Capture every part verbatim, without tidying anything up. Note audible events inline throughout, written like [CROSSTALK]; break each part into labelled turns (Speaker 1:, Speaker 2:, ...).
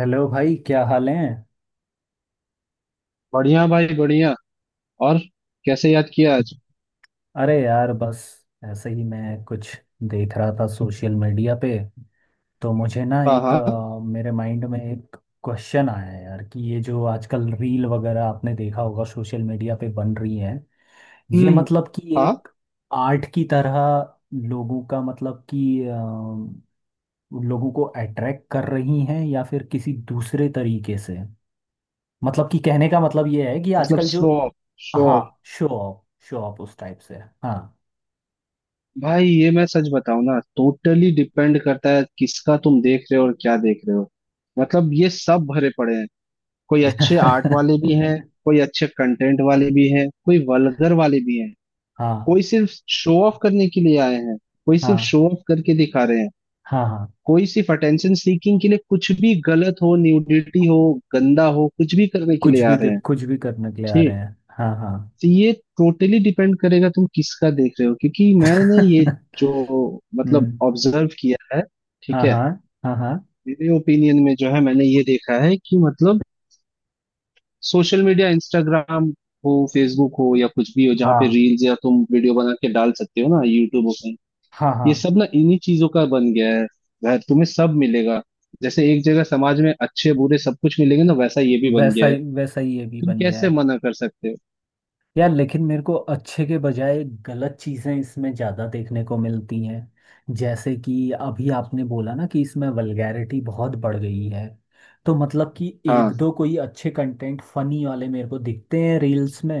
Speaker 1: Hello भाई, क्या हाल है?
Speaker 2: बढ़िया भाई बढ़िया। और कैसे याद किया आज?
Speaker 1: अरे यार, बस ऐसे ही मैं कुछ देख रहा था सोशल मीडिया पे। तो मुझे ना
Speaker 2: हाँ,
Speaker 1: एक
Speaker 2: हाँ।
Speaker 1: अ, मेरे माइंड में एक क्वेश्चन आया यार कि ये जो आजकल रील वगैरह आपने देखा होगा सोशल मीडिया पे बन रही है, ये
Speaker 2: हम्म।
Speaker 1: मतलब कि
Speaker 2: हाँ,
Speaker 1: एक आर्ट की तरह लोगों का मतलब कि अ, लोगों को अट्रैक्ट कर रही हैं या फिर किसी दूसरे तरीके से। मतलब कि कहने का मतलब ये है कि
Speaker 2: मतलब
Speaker 1: आजकल जो,
Speaker 2: शो शो।
Speaker 1: हाँ, शो ऑफ। शो ऑफ उस टाइप से। हाँ।
Speaker 2: भाई, ये मैं सच बताऊं ना, टोटली डिपेंड करता है किसका तुम देख रहे हो और क्या देख रहे हो। मतलब ये सब भरे पड़े हैं। कोई अच्छे आर्ट
Speaker 1: [LAUGHS]
Speaker 2: वाले भी हैं, कोई अच्छे कंटेंट वाले भी हैं, कोई वल्गर वाले भी हैं।
Speaker 1: हाँ
Speaker 2: कोई सिर्फ शो ऑफ करने के लिए आए हैं, कोई सिर्फ
Speaker 1: हाँ।
Speaker 2: शो ऑफ करके दिखा रहे हैं,
Speaker 1: हाँ हाँ।
Speaker 2: कोई सिर्फ अटेंशन सीकिंग के लिए कुछ भी गलत हो, न्यूडिटी हो, गंदा हो, कुछ भी करने के
Speaker 1: कुछ
Speaker 2: लिए आ
Speaker 1: भी
Speaker 2: रहे
Speaker 1: दे-
Speaker 2: हैं।
Speaker 1: कुछ भी करने के लिए आ रहे
Speaker 2: ठीक,
Speaker 1: हैं। हाँ हाँ।
Speaker 2: तो ये टोटली डिपेंड करेगा तुम किसका देख रहे हो, क्योंकि मैंने ये
Speaker 1: [LAUGHS]
Speaker 2: जो, मतलब
Speaker 1: हम्म।
Speaker 2: ऑब्जर्व किया है। ठीक
Speaker 1: हाँ
Speaker 2: है।
Speaker 1: हाँ। हाँ हाँ।
Speaker 2: मेरे ओपिनियन में जो है, मैंने ये देखा है कि मतलब सोशल मीडिया, इंस्टाग्राम हो, फेसबुक हो या कुछ भी हो जहाँ पे
Speaker 1: हाँ
Speaker 2: रील्स या तुम वीडियो बना के डाल सकते हो ना, यूट्यूब हो कहीं,
Speaker 1: हाँ। हाँ।
Speaker 2: ये सब ना इन्हीं चीजों का बन गया है। वह तुम्हें सब मिलेगा। जैसे एक जगह समाज में अच्छे बुरे सब कुछ मिलेंगे ना, वैसा ये भी बन
Speaker 1: वैसा
Speaker 2: गया है।
Speaker 1: ही वैसा ही ये भी
Speaker 2: तुम
Speaker 1: बन गया।
Speaker 2: कैसे मना कर सकते हो?
Speaker 1: यार, लेकिन मेरे को अच्छे के बजाय गलत चीज़ें इसमें ज़्यादा देखने को मिलती हैं। जैसे कि अभी आपने बोला ना कि इसमें वल्गैरिटी बहुत बढ़ गई है। तो मतलब कि एक
Speaker 2: हाँ,
Speaker 1: दो कोई अच्छे कंटेंट फनी वाले मेरे को दिखते हैं रील्स में।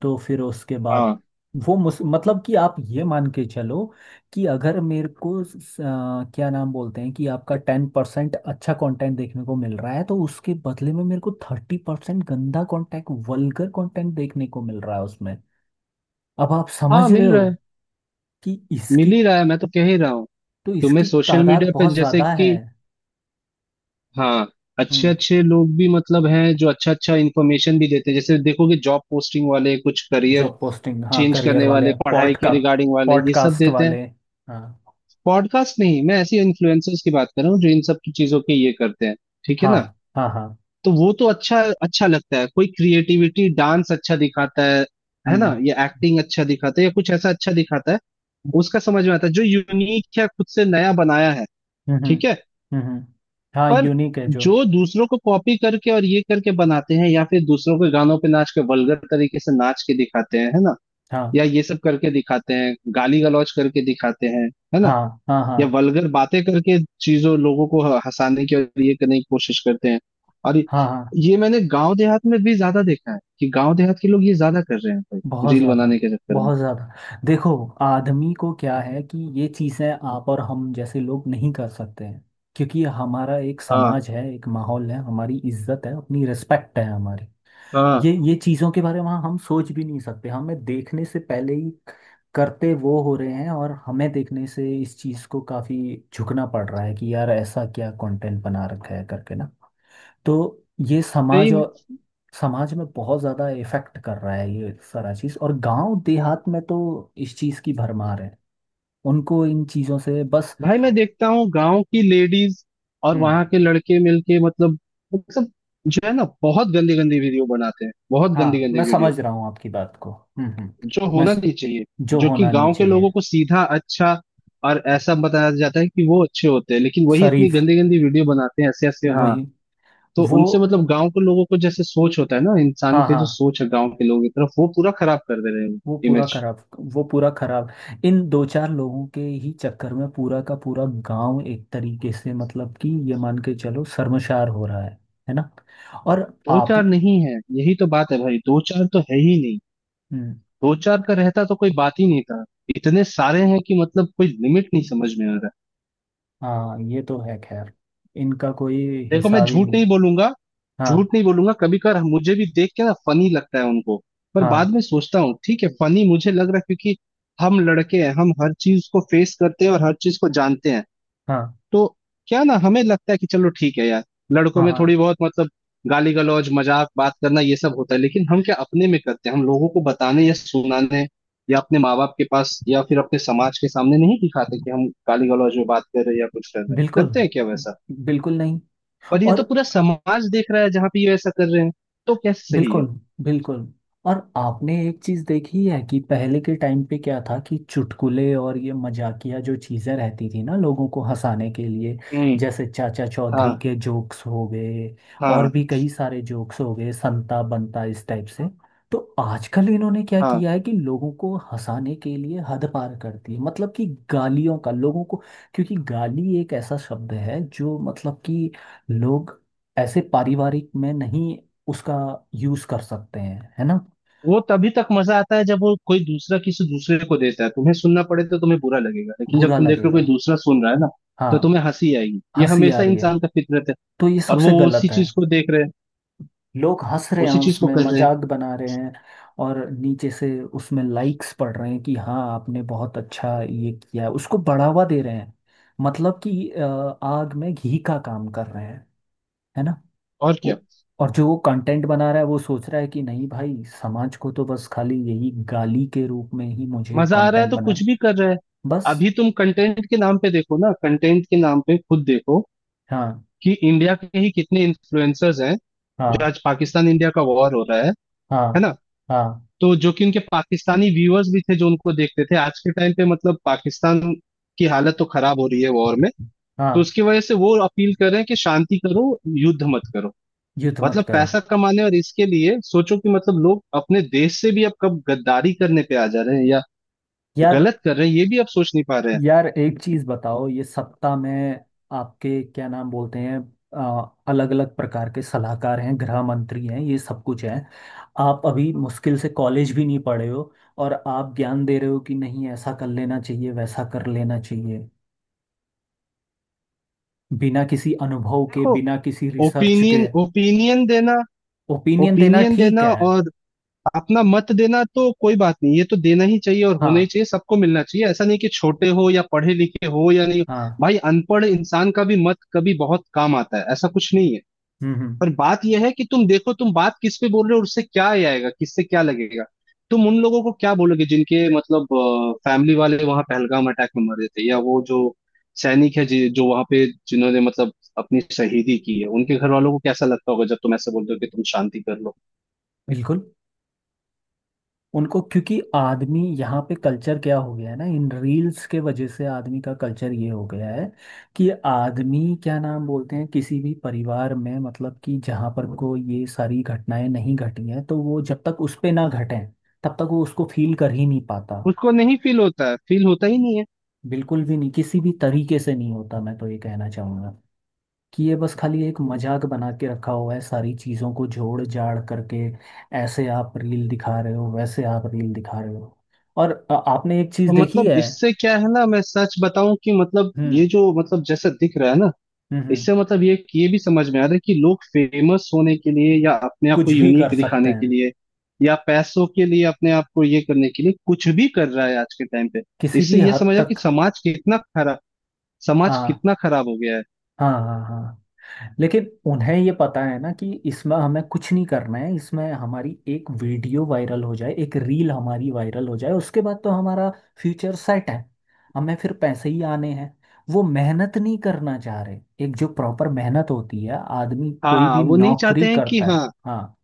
Speaker 1: तो फिर उसके बाद
Speaker 2: हाँ।
Speaker 1: वो मुस मतलब कि आप ये मान के चलो कि अगर मेरे को स- स- आ, क्या नाम बोलते हैं कि आपका टेन परसेंट अच्छा कंटेंट देखने को मिल रहा है, तो उसके बदले में मेरे को थर्टी परसेंट गंदा कंटेंट वल्गर कंटेंट देखने को मिल रहा है उसमें। अब आप
Speaker 2: हाँ,
Speaker 1: समझ रहे
Speaker 2: मिल रहा
Speaker 1: हो
Speaker 2: है।
Speaker 1: कि
Speaker 2: मिल
Speaker 1: इसकी
Speaker 2: ही रहा है, मैं तो कह ही रहा हूँ।
Speaker 1: तो
Speaker 2: तुम्हें
Speaker 1: इसकी
Speaker 2: सोशल
Speaker 1: तादाद
Speaker 2: मीडिया पे
Speaker 1: बहुत
Speaker 2: जैसे
Speaker 1: ज्यादा है।
Speaker 2: कि, हाँ, अच्छे
Speaker 1: हम्म।
Speaker 2: अच्छे लोग भी मतलब हैं जो अच्छा अच्छा इंफॉर्मेशन भी देते हैं। जैसे देखोगे जॉब पोस्टिंग वाले, कुछ करियर
Speaker 1: जॉब पोस्टिंग, हाँ,
Speaker 2: चेंज
Speaker 1: करियर
Speaker 2: करने वाले,
Speaker 1: वाले
Speaker 2: पढ़ाई के
Speaker 1: पॉडका
Speaker 2: रिगार्डिंग वाले, ये सब
Speaker 1: पॉडकास्ट
Speaker 2: देते हैं।
Speaker 1: वाले। हाँ
Speaker 2: पॉडकास्ट नहीं, मैं ऐसे इन्फ्लुएंसर्स की बात कर रहा हूँ जो इन सब की चीजों के ये करते हैं। ठीक है
Speaker 1: हाँ।
Speaker 2: ना।
Speaker 1: हाँ हाँ।
Speaker 2: तो वो तो अच्छा अच्छा लगता है। कोई क्रिएटिविटी डांस अच्छा दिखाता है है ना,
Speaker 1: हम्म
Speaker 2: या एक्टिंग अच्छा दिखाता है या कुछ ऐसा अच्छा दिखाता है उसका समझ में आता है, जो यूनिक या खुद से नया बनाया है।
Speaker 1: हम्म हम्म।
Speaker 2: ठीक है।
Speaker 1: हम्म, हम्म, हाँ
Speaker 2: पर
Speaker 1: यूनिक है जो।
Speaker 2: जो दूसरों को कॉपी करके और ये करके बनाते हैं या फिर दूसरों के गानों पे नाच के वल्गर तरीके से नाच के दिखाते हैं, है ना,
Speaker 1: हाँ
Speaker 2: या ये सब करके दिखाते हैं, गाली गलौज करके दिखाते हैं, है ना,
Speaker 1: हाँ। हाँ हाँ।
Speaker 2: या वल्गर बातें करके चीजों लोगों को ह- हंसाने की और ये करने की कोशिश करते हैं। और
Speaker 1: हाँ हाँ।
Speaker 2: ये मैंने गांव देहात में भी ज्यादा देखा है कि गांव देहात के लोग ये ज्यादा कर रहे हैं, भाई,
Speaker 1: बहुत
Speaker 2: रील
Speaker 1: ज़्यादा।
Speaker 2: बनाने के चक्कर में।
Speaker 1: बहुत ज़्यादा देखो। आदमी को क्या है कि ये चीज़ें आप और हम जैसे लोग नहीं कर सकते हैं, क्योंकि हमारा एक
Speaker 2: हाँ,
Speaker 1: समाज है, एक माहौल है, हमारी इज्जत है, अपनी रिस्पेक्ट है हमारी।
Speaker 2: हाँ।
Speaker 1: ये ये चीज़ों के बारे में हम सोच भी नहीं सकते, हमें देखने से पहले ही करते वो हो रहे हैं और हमें देखने से इस चीज़ को काफ़ी झुकना पड़ रहा है कि यार ऐसा क्या कंटेंट बना रखा है करके ना। तो ये समाज
Speaker 2: सही।
Speaker 1: और समाज में बहुत ज्यादा इफेक्ट कर रहा है ये सारा चीज, और गांव देहात में तो इस चीज की भरमार है। उनको इन चीजों से बस।
Speaker 2: भाई, मैं देखता हूँ गांव की लेडीज और वहां के
Speaker 1: हम्म।
Speaker 2: लड़के मिलके, मतलब, मतलब जो है ना, बहुत गंदी गंदी वीडियो बनाते हैं, बहुत गंदी
Speaker 1: हाँ, मैं
Speaker 2: गंदी वीडियो,
Speaker 1: समझ रहा हूँ आपकी बात को। हम्म हम्म।
Speaker 2: जो
Speaker 1: मैं
Speaker 2: होना
Speaker 1: स-
Speaker 2: नहीं चाहिए।
Speaker 1: जो
Speaker 2: जो कि
Speaker 1: होना नहीं
Speaker 2: गांव के
Speaker 1: चाहिए।
Speaker 2: लोगों को सीधा अच्छा और ऐसा बताया जाता है कि वो अच्छे होते हैं, लेकिन वही इतनी
Speaker 1: शरीफ।
Speaker 2: गंदी गंदी वीडियो बनाते हैं, ऐसे ऐसे, हाँ।
Speaker 1: वही।
Speaker 2: तो
Speaker 1: वो।
Speaker 2: उनसे मतलब गांव के लोगों को जैसे सोच होता है ना इंसान
Speaker 1: हाँ
Speaker 2: के,
Speaker 1: हाँ।
Speaker 2: जो सोच है गांव के लोगों की तरफ, वो पूरा खराब कर दे रहे हैं
Speaker 1: वो पूरा
Speaker 2: इमेज।
Speaker 1: खराब। वो पूरा खराब। इन दो चार लोगों के ही चक्कर में पूरा का पूरा गांव एक तरीके से मतलब कि ये मान के चलो शर्मशार हो रहा है। है ना? और
Speaker 2: दो
Speaker 1: आप।
Speaker 2: चार नहीं है, यही तो बात है भाई, दो चार तो है ही नहीं।
Speaker 1: हम्म।
Speaker 2: दो चार का रहता तो कोई बात ही नहीं था। इतने सारे हैं कि मतलब कोई लिमिट नहीं, समझ में आ रहा है।
Speaker 1: हाँ ये तो है खैर, इनका कोई
Speaker 2: देखो, मैं
Speaker 1: हिसाब ही
Speaker 2: झूठ
Speaker 1: नहीं।
Speaker 2: नहीं बोलूंगा, झूठ
Speaker 1: हाँ
Speaker 2: नहीं बोलूंगा, कभी कभार मुझे भी देख के ना फनी लगता है उनको। पर बाद
Speaker 1: हाँ।
Speaker 2: में सोचता हूँ ठीक है, फनी मुझे लग रहा है क्योंकि हम लड़के हैं, हम हर चीज को फेस करते हैं और हर चीज को जानते हैं,
Speaker 1: हाँ
Speaker 2: तो क्या ना हमें लगता है कि चलो ठीक है यार, लड़कों
Speaker 1: हाँ।
Speaker 2: में
Speaker 1: हाँ।
Speaker 2: थोड़ी बहुत मतलब गाली गलौज मजाक बात करना ये सब होता है, लेकिन हम क्या अपने में करते हैं? हम लोगों को बताने या सुनाने या अपने माँ बाप के पास या फिर अपने समाज के सामने नहीं दिखाते कि हम गाली गलौज में बात कर रहे हैं या कुछ कर रहे हैं।
Speaker 1: बिल्कुल।
Speaker 2: करते हैं क्या वैसा?
Speaker 1: बिल्कुल नहीं।
Speaker 2: पर ये
Speaker 1: और
Speaker 2: तो पूरा समाज देख रहा है जहाँ पे ये वैसा कर रहे हैं। तो कैसे सही है?
Speaker 1: बिल्कुल। बिल्कुल। और आपने एक चीज देखी है कि पहले के टाइम पे क्या था कि चुटकुले और ये मजाकिया जो चीजें रहती थी ना लोगों को हंसाने के लिए,
Speaker 2: हम्म।
Speaker 1: जैसे चाचा चौधरी
Speaker 2: हाँ
Speaker 1: के जोक्स हो गए, और
Speaker 2: हाँ,
Speaker 1: भी कई सारे जोक्स हो गए, संता बनता इस टाइप से। तो आजकल इन्होंने क्या
Speaker 2: हाँ।
Speaker 1: किया है कि लोगों को हंसाने के लिए हद पार कर दी है, मतलब कि गालियों का लोगों को। क्योंकि गाली एक ऐसा शब्द है जो मतलब कि लोग ऐसे पारिवारिक में नहीं उसका यूज कर सकते हैं। है ना?
Speaker 2: वो तभी तक मजा आता है जब वो कोई दूसरा किसी दूसरे को देता है। तुम्हें सुनना पड़े तो तुम्हें बुरा लगेगा, लेकिन जब
Speaker 1: बुरा
Speaker 2: तुम देख रहे हो
Speaker 1: लगेगा।
Speaker 2: कोई दूसरा सुन रहा है ना,
Speaker 1: हाँ।
Speaker 2: तो तुम्हें हंसी आएगी। ये
Speaker 1: हंसी आ
Speaker 2: हमेशा
Speaker 1: रही है।
Speaker 2: इंसान का फितरत है।
Speaker 1: तो ये
Speaker 2: और वो
Speaker 1: सबसे गलत
Speaker 2: उसी
Speaker 1: है।
Speaker 2: चीज को देख रहे हैं,
Speaker 1: लोग हंस रहे हैं,
Speaker 2: उसी चीज को
Speaker 1: उसमें
Speaker 2: कर रहे हैं।
Speaker 1: मजाक बना रहे हैं। और नीचे से उसमें लाइक्स पड़ रहे हैं कि हाँ आपने बहुत अच्छा ये किया है। उसको बढ़ावा दे रहे हैं। मतलब कि अ, आग में घी का काम कर रहे हैं। है ना?
Speaker 2: और क्या,
Speaker 1: वो- और जो वो कंटेंट बना रहा है वो सोच रहा है कि नहीं भाई समाज को तो बस खाली यही गाली के रूप में ही मुझे
Speaker 2: मजा आ रहा है
Speaker 1: कंटेंट
Speaker 2: तो
Speaker 1: बना।
Speaker 2: कुछ भी कर रहे हैं।
Speaker 1: बस।
Speaker 2: अभी तुम कंटेंट के नाम पे देखो ना, कंटेंट के नाम पे खुद देखो
Speaker 1: हाँ
Speaker 2: कि इंडिया के ही कितने इन्फ्लुएंसर्स हैं, जो
Speaker 1: हाँ।
Speaker 2: आज पाकिस्तान इंडिया का वॉर हो रहा है है
Speaker 1: हाँ
Speaker 2: ना,
Speaker 1: हाँ।
Speaker 2: तो जो कि उनके पाकिस्तानी व्यूअर्स भी थे जो उनको देखते थे। आज के टाइम पे मतलब पाकिस्तान की हालत तो खराब हो रही है वॉर में, तो
Speaker 1: हाँ।
Speaker 2: उसकी वजह से वो अपील कर रहे हैं कि शांति करो, युद्ध मत करो।
Speaker 1: युद्ध मत
Speaker 2: मतलब
Speaker 1: करो।
Speaker 2: पैसा कमाने और इसके लिए सोचो कि मतलब लोग अपने देश से भी अब कब गद्दारी करने पे आ जा रहे हैं या
Speaker 1: यार।
Speaker 2: गलत कर रहे हैं, ये भी अब सोच नहीं पा रहे हैं।
Speaker 1: यार, एक चीज बताओ, ये सत्ता में आपके क्या नाम बोलते हैं, अलग अलग प्रकार के सलाहकार हैं, गृह मंत्री हैं, ये सब कुछ है। आप अभी मुश्किल से कॉलेज भी नहीं पढ़े हो, और आप ज्ञान दे रहे हो कि नहीं ऐसा कर लेना चाहिए वैसा कर लेना चाहिए, बिना किसी अनुभव के,
Speaker 2: देखो,
Speaker 1: बिना किसी रिसर्च
Speaker 2: ओपिनियन
Speaker 1: के।
Speaker 2: ओपिनियन देना,
Speaker 1: ओपिनियन देना
Speaker 2: ओपिनियन
Speaker 1: ठीक
Speaker 2: देना
Speaker 1: है।
Speaker 2: और अपना मत देना तो कोई बात नहीं, ये तो देना ही चाहिए और होना ही
Speaker 1: हाँ
Speaker 2: चाहिए, सबको मिलना चाहिए। ऐसा नहीं कि छोटे हो या पढ़े लिखे हो या नहीं,
Speaker 1: हाँ।
Speaker 2: भाई, अनपढ़ इंसान का भी मत कभी बहुत काम आता है, ऐसा कुछ नहीं है।
Speaker 1: हम्म हम्म।
Speaker 2: पर बात यह है कि तुम देखो तुम बात किस पे बोल रहे हो और उससे क्या ये आएगा, किससे क्या लगेगा। तुम उन लोगों को क्या बोलोगे जिनके मतलब फैमिली वाले वहां पहलगाम अटैक में मरे थे या वो जो सैनिक है, जि- जो वहां पे जिन्होंने मतलब अपनी शहीदी की है, उनके घर वालों को कैसा लगता होगा जब तुम ऐसे बोलते हो कि तुम शांति कर लो?
Speaker 1: बिल्कुल। उनको क्योंकि आदमी यहाँ पे कल्चर क्या हो गया है ना इन रील्स के वजह से, आदमी का कल्चर ये हो गया है कि आदमी क्या नाम बोलते हैं किसी भी परिवार में मतलब कि जहाँ पर को ये सारी घटनाएं नहीं घटी हैं तो वो जब तक उस पे ना घटें तब तक वो उसको फील कर ही नहीं पाता।
Speaker 2: उसको नहीं फील होता है, फील होता ही नहीं है।
Speaker 1: बिल्कुल भी नहीं किसी भी तरीके से नहीं होता। मैं तो ये कहना चाहूँगा कि ये बस खाली एक मजाक बना के रखा हुआ है सारी चीज़ों को जोड़ जाड़ करके। ऐसे आप रील दिखा रहे हो, वैसे आप रील दिखा रहे हो। और अ, आपने एक चीज़
Speaker 2: और
Speaker 1: देखी
Speaker 2: मतलब
Speaker 1: है।
Speaker 2: इससे क्या है ना, मैं सच बताऊं कि मतलब ये
Speaker 1: हम्म।
Speaker 2: जो, मतलब जैसा दिख रहा है ना,
Speaker 1: हम्म हम्म।
Speaker 2: इससे मतलब ये ये भी समझ में आ रहा है कि लोग फेमस होने के लिए या अपने आप को
Speaker 1: कुछ भी कर
Speaker 2: यूनिक
Speaker 1: सकते
Speaker 2: दिखाने के
Speaker 1: हैं।
Speaker 2: लिए या पैसों के लिए अपने आप को ये करने के लिए कुछ भी कर रहा है आज के टाइम पे।
Speaker 1: किसी भी
Speaker 2: इससे ये
Speaker 1: हद
Speaker 2: समझ आ कि
Speaker 1: तक।
Speaker 2: समाज कितना खराब समाज
Speaker 1: हाँ
Speaker 2: कितना खराब हो गया है।
Speaker 1: हाँ। हाँ हाँ। लेकिन उन्हें ये पता है ना कि इसमें हमें कुछ नहीं करना है, इसमें हमारी एक वीडियो वायरल हो जाए, एक रील हमारी वायरल हो जाए, उसके बाद तो हमारा फ्यूचर सेट है। हमें फिर पैसे ही आने हैं। वो मेहनत नहीं करना चाह रहे। एक जो प्रॉपर मेहनत होती है आदमी कोई
Speaker 2: हाँ,
Speaker 1: भी
Speaker 2: वो नहीं
Speaker 1: नौकरी
Speaker 2: चाहते हैं कि,
Speaker 1: करता है।
Speaker 2: हाँ,
Speaker 1: हाँ।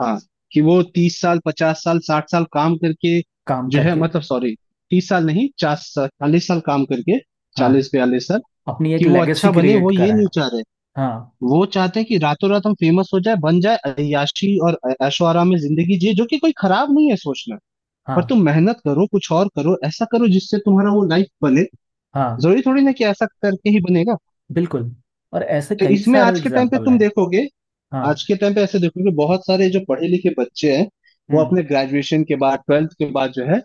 Speaker 2: हाँ, कि वो तीस साल, पचास साल, साठ साल काम करके
Speaker 1: काम
Speaker 2: जो है,
Speaker 1: करके।
Speaker 2: मतलब सॉरी, तीस साल नहीं, चालीस साल, चालीस साल काम करके,
Speaker 1: हाँ।
Speaker 2: चालीस बयालीस साल,
Speaker 1: अपनी एक
Speaker 2: कि वो
Speaker 1: लेगेसी
Speaker 2: अच्छा बने,
Speaker 1: क्रिएट
Speaker 2: वो ये
Speaker 1: कराए।
Speaker 2: नहीं चाह रहे।
Speaker 1: हाँ।
Speaker 2: वो चाहते हैं कि रातों रात हम फेमस हो जाए, बन जाए, अय्याशी और ऐशो आराम में जिंदगी जिए, जो कि कोई खराब नहीं है सोचना। पर
Speaker 1: हाँ।
Speaker 2: तुम मेहनत करो, कुछ और करो, ऐसा करो जिससे तुम्हारा वो लाइफ बने।
Speaker 1: हाँ।
Speaker 2: जरूरी थोड़ी ना कि ऐसा करके ही बनेगा।
Speaker 1: बिल्कुल। और ऐसे
Speaker 2: तो
Speaker 1: कई
Speaker 2: इसमें
Speaker 1: सारे
Speaker 2: आज के टाइम पे
Speaker 1: एग्जाम्पल
Speaker 2: तुम
Speaker 1: हैं।
Speaker 2: देखोगे, आज
Speaker 1: हाँ।
Speaker 2: के टाइम पे ऐसे देखो कि बहुत सारे जो पढ़े लिखे बच्चे हैं, वो
Speaker 1: हम्म।
Speaker 2: अपने ग्रेजुएशन के बाद, ट्वेल्थ के बाद जो है,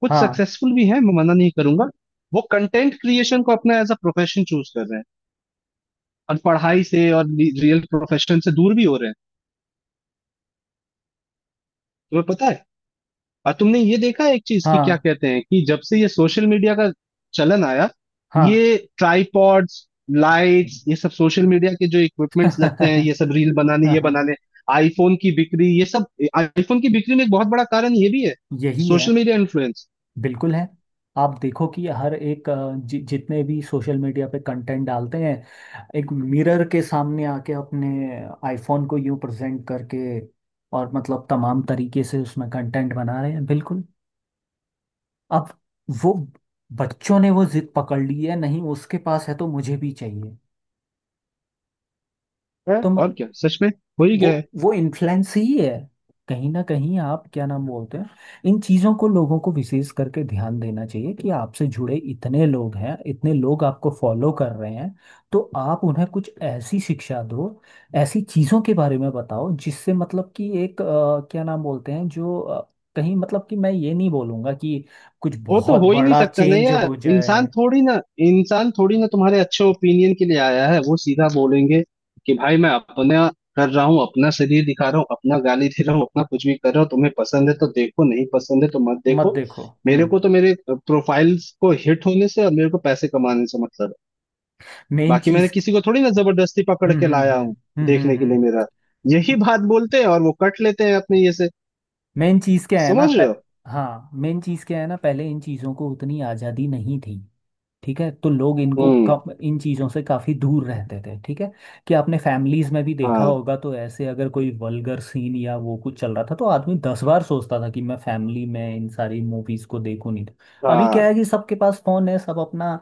Speaker 2: कुछ
Speaker 1: हाँ
Speaker 2: सक्सेसफुल भी हैं मैं मना नहीं करूंगा, वो कंटेंट क्रिएशन को अपना एज अ प्रोफेशन चूज कर रहे हैं और पढ़ाई से और रियल प्रोफेशन से दूर भी हो रहे हैं। तुम्हें पता है, और तुमने ये देखा है एक चीज की क्या
Speaker 1: हाँ।
Speaker 2: कहते हैं कि जब से ये सोशल मीडिया का चलन आया,
Speaker 1: हाँ।
Speaker 2: ये ट्राइपॉड्स, लाइट्स, ये सब सोशल मीडिया के जो इक्विपमेंट्स लगते हैं, ये सब रील बनाने ये
Speaker 1: [LAUGHS]
Speaker 2: बनाने, आईफोन की बिक्री, ये सब, आईफोन की बिक्री में एक बहुत बड़ा कारण ये भी है,
Speaker 1: यही है।
Speaker 2: Social media influence.
Speaker 1: बिल्कुल है। आप देखो कि हर एक अ, जि, जितने भी सोशल मीडिया पे कंटेंट डालते हैं एक मिरर के सामने आके अपने आईफोन को यूं प्रेजेंट करके, और मतलब तमाम तरीके से उसमें कंटेंट बना रहे हैं बिल्कुल। अब वो बच्चों ने वो जिद पकड़ ली है, नहीं उसके पास है तो मुझे भी चाहिए।
Speaker 2: है,
Speaker 1: तो
Speaker 2: और क्या, सच में हो ही
Speaker 1: वो
Speaker 2: गया है।
Speaker 1: वो इन्फ्लुएंस ही है कहीं ना कहीं। आप क्या नाम बोलते हैं, इन चीज़ों को लोगों को विशेष करके ध्यान देना चाहिए कि आपसे जुड़े इतने लोग हैं, इतने लोग आपको फॉलो कर रहे हैं, तो आप उन्हें कुछ ऐसी शिक्षा दो, ऐसी चीज़ों के बारे में बताओ जिससे मतलब कि एक अ, क्या नाम बोलते हैं जो अ, कहीं मतलब कि मैं ये नहीं बोलूँगा कि कुछ
Speaker 2: वो तो
Speaker 1: बहुत
Speaker 2: हो ही नहीं
Speaker 1: बड़ा
Speaker 2: सकता ना
Speaker 1: चेंज
Speaker 2: यार,
Speaker 1: हो
Speaker 2: इंसान
Speaker 1: जाए।
Speaker 2: थोड़ी ना, इंसान थोड़ी ना तुम्हारे अच्छे ओपिनियन के लिए आया है। वो सीधा बोलेंगे कि भाई मैं अपना कर रहा हूँ, अपना शरीर दिखा रहा हूँ, अपना गाली दे रहा हूँ, अपना कुछ भी कर रहा हूँ, तुम्हें पसंद है तो देखो, नहीं पसंद है तो मत
Speaker 1: मत
Speaker 2: देखो।
Speaker 1: देखो।
Speaker 2: मेरे
Speaker 1: हम्म।
Speaker 2: को तो मेरे प्रोफाइल को हिट होने से और मेरे को पैसे कमाने से मतलब है।
Speaker 1: मेन
Speaker 2: बाकी मैंने
Speaker 1: चीज़।
Speaker 2: किसी को थोड़ी ना जबरदस्ती पकड़
Speaker 1: हम्म
Speaker 2: के
Speaker 1: हम्म।
Speaker 2: लाया हूँ
Speaker 1: हम्म हम्म। हम्म
Speaker 2: देखने के लिए
Speaker 1: हम्म।
Speaker 2: मेरा। यही बात बोलते हैं और वो कट लेते हैं अपने ये से।
Speaker 1: मेन चीज़ क्या है ना
Speaker 2: समझ रहे
Speaker 1: प...
Speaker 2: हो?
Speaker 1: हाँ, मेन चीज़ क्या है ना पहले इन चीज़ों को उतनी आज़ादी नहीं थी। ठीक है, तो लोग इनको
Speaker 2: हम्म।
Speaker 1: कम, इन चीज़ों से काफ़ी दूर रहते थे। ठीक है कि आपने फैमिलीज़ में भी देखा
Speaker 2: हाँ,
Speaker 1: होगा, तो ऐसे अगर कोई वल्गर सीन या वो कुछ चल रहा था तो आदमी दस बार सोचता था कि मैं फैमिली में इन सारी मूवीज़ को देखूं नहीं तो। अभी क्या है
Speaker 2: हाँ।
Speaker 1: कि सबके पास फ़ोन है, सब अपना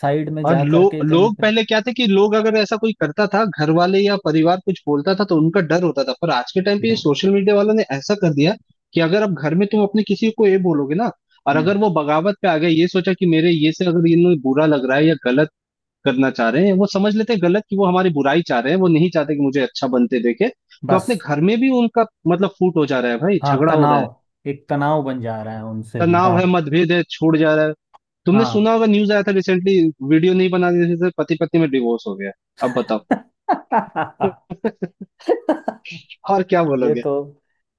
Speaker 1: साइड में
Speaker 2: और
Speaker 1: जा
Speaker 2: लो,
Speaker 1: करके कहीं
Speaker 2: लोग
Speaker 1: पर।
Speaker 2: पहले क्या थे कि लोग अगर ऐसा कोई करता था घर वाले या परिवार कुछ बोलता था तो उनका डर होता था, पर आज के टाइम पे ये
Speaker 1: बिल्कुल।
Speaker 2: सोशल मीडिया वालों ने ऐसा कर दिया कि अगर आप घर में तुम अपने किसी को ये बोलोगे ना, और
Speaker 1: हम्म।
Speaker 2: अगर वो बगावत पे आ गए, ये सोचा कि मेरे ये से अगर इन्हें बुरा लग रहा है या गलत करना चाह रहे हैं, वो समझ लेते हैं गलत कि वो हमारी बुराई चाह रहे हैं, वो नहीं चाहते कि मुझे अच्छा बनते देखे। तो अपने
Speaker 1: बस।
Speaker 2: घर में भी उनका मतलब फूट हो जा रहा है भाई,
Speaker 1: हाँ,
Speaker 2: झगड़ा हो रहा
Speaker 1: तनाव।
Speaker 2: है,
Speaker 1: एक तनाव बन जा रहा है उनसे भी।
Speaker 2: तनाव
Speaker 1: हाँ।
Speaker 2: है, मतभेद है, छूट जा रहा है। तुमने
Speaker 1: हाँ।
Speaker 2: सुना होगा, न्यूज आया था रिसेंटली, वीडियो नहीं बनाने से पति पत्नी में डिवोर्स हो गया। अब बताओ।
Speaker 1: [LAUGHS]
Speaker 2: [LAUGHS] और क्या
Speaker 1: ये
Speaker 2: बोलोगे?
Speaker 1: तो।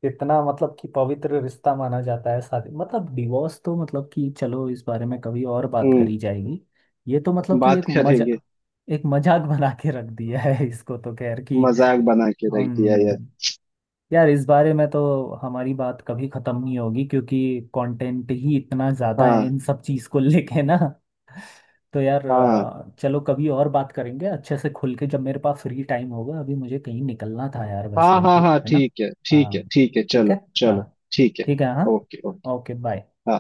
Speaker 1: इतना मतलब कि पवित्र रिश्ता माना जाता है शादी, मतलब डिवोर्स तो मतलब कि चलो इस बारे में कभी और बात
Speaker 2: हम्म।
Speaker 1: करी जाएगी। ये तो मतलब कि
Speaker 2: बात
Speaker 1: एक मजा,
Speaker 2: करेंगे।
Speaker 1: एक मजाक बना के रख दिया है इसको तो, खैर कि
Speaker 2: मजाक बना के रख दिया यार।
Speaker 1: यार इस बारे में तो हमारी बात कभी खत्म नहीं होगी, क्योंकि कंटेंट ही इतना ज्यादा है
Speaker 2: हाँ,
Speaker 1: इन सब चीज को [LAUGHS] लेके ना। तो यार,
Speaker 2: हाँ,
Speaker 1: अ, चलो कभी और बात करेंगे अच्छे से खुल के, जब मेरे पास फ्री टाइम होगा। अभी मुझे कहीं निकलना था यार वैसे,
Speaker 2: हाँ, हाँ, हाँ,
Speaker 1: है ना?
Speaker 2: ठीक है, ठीक है,
Speaker 1: हाँ।
Speaker 2: ठीक है,
Speaker 1: ठीक
Speaker 2: चलो
Speaker 1: है। हाँ।
Speaker 2: चलो। ठीक है।
Speaker 1: ठीक है। हाँ।
Speaker 2: Okay, okay.
Speaker 1: ओके। बाय।
Speaker 2: हाँ।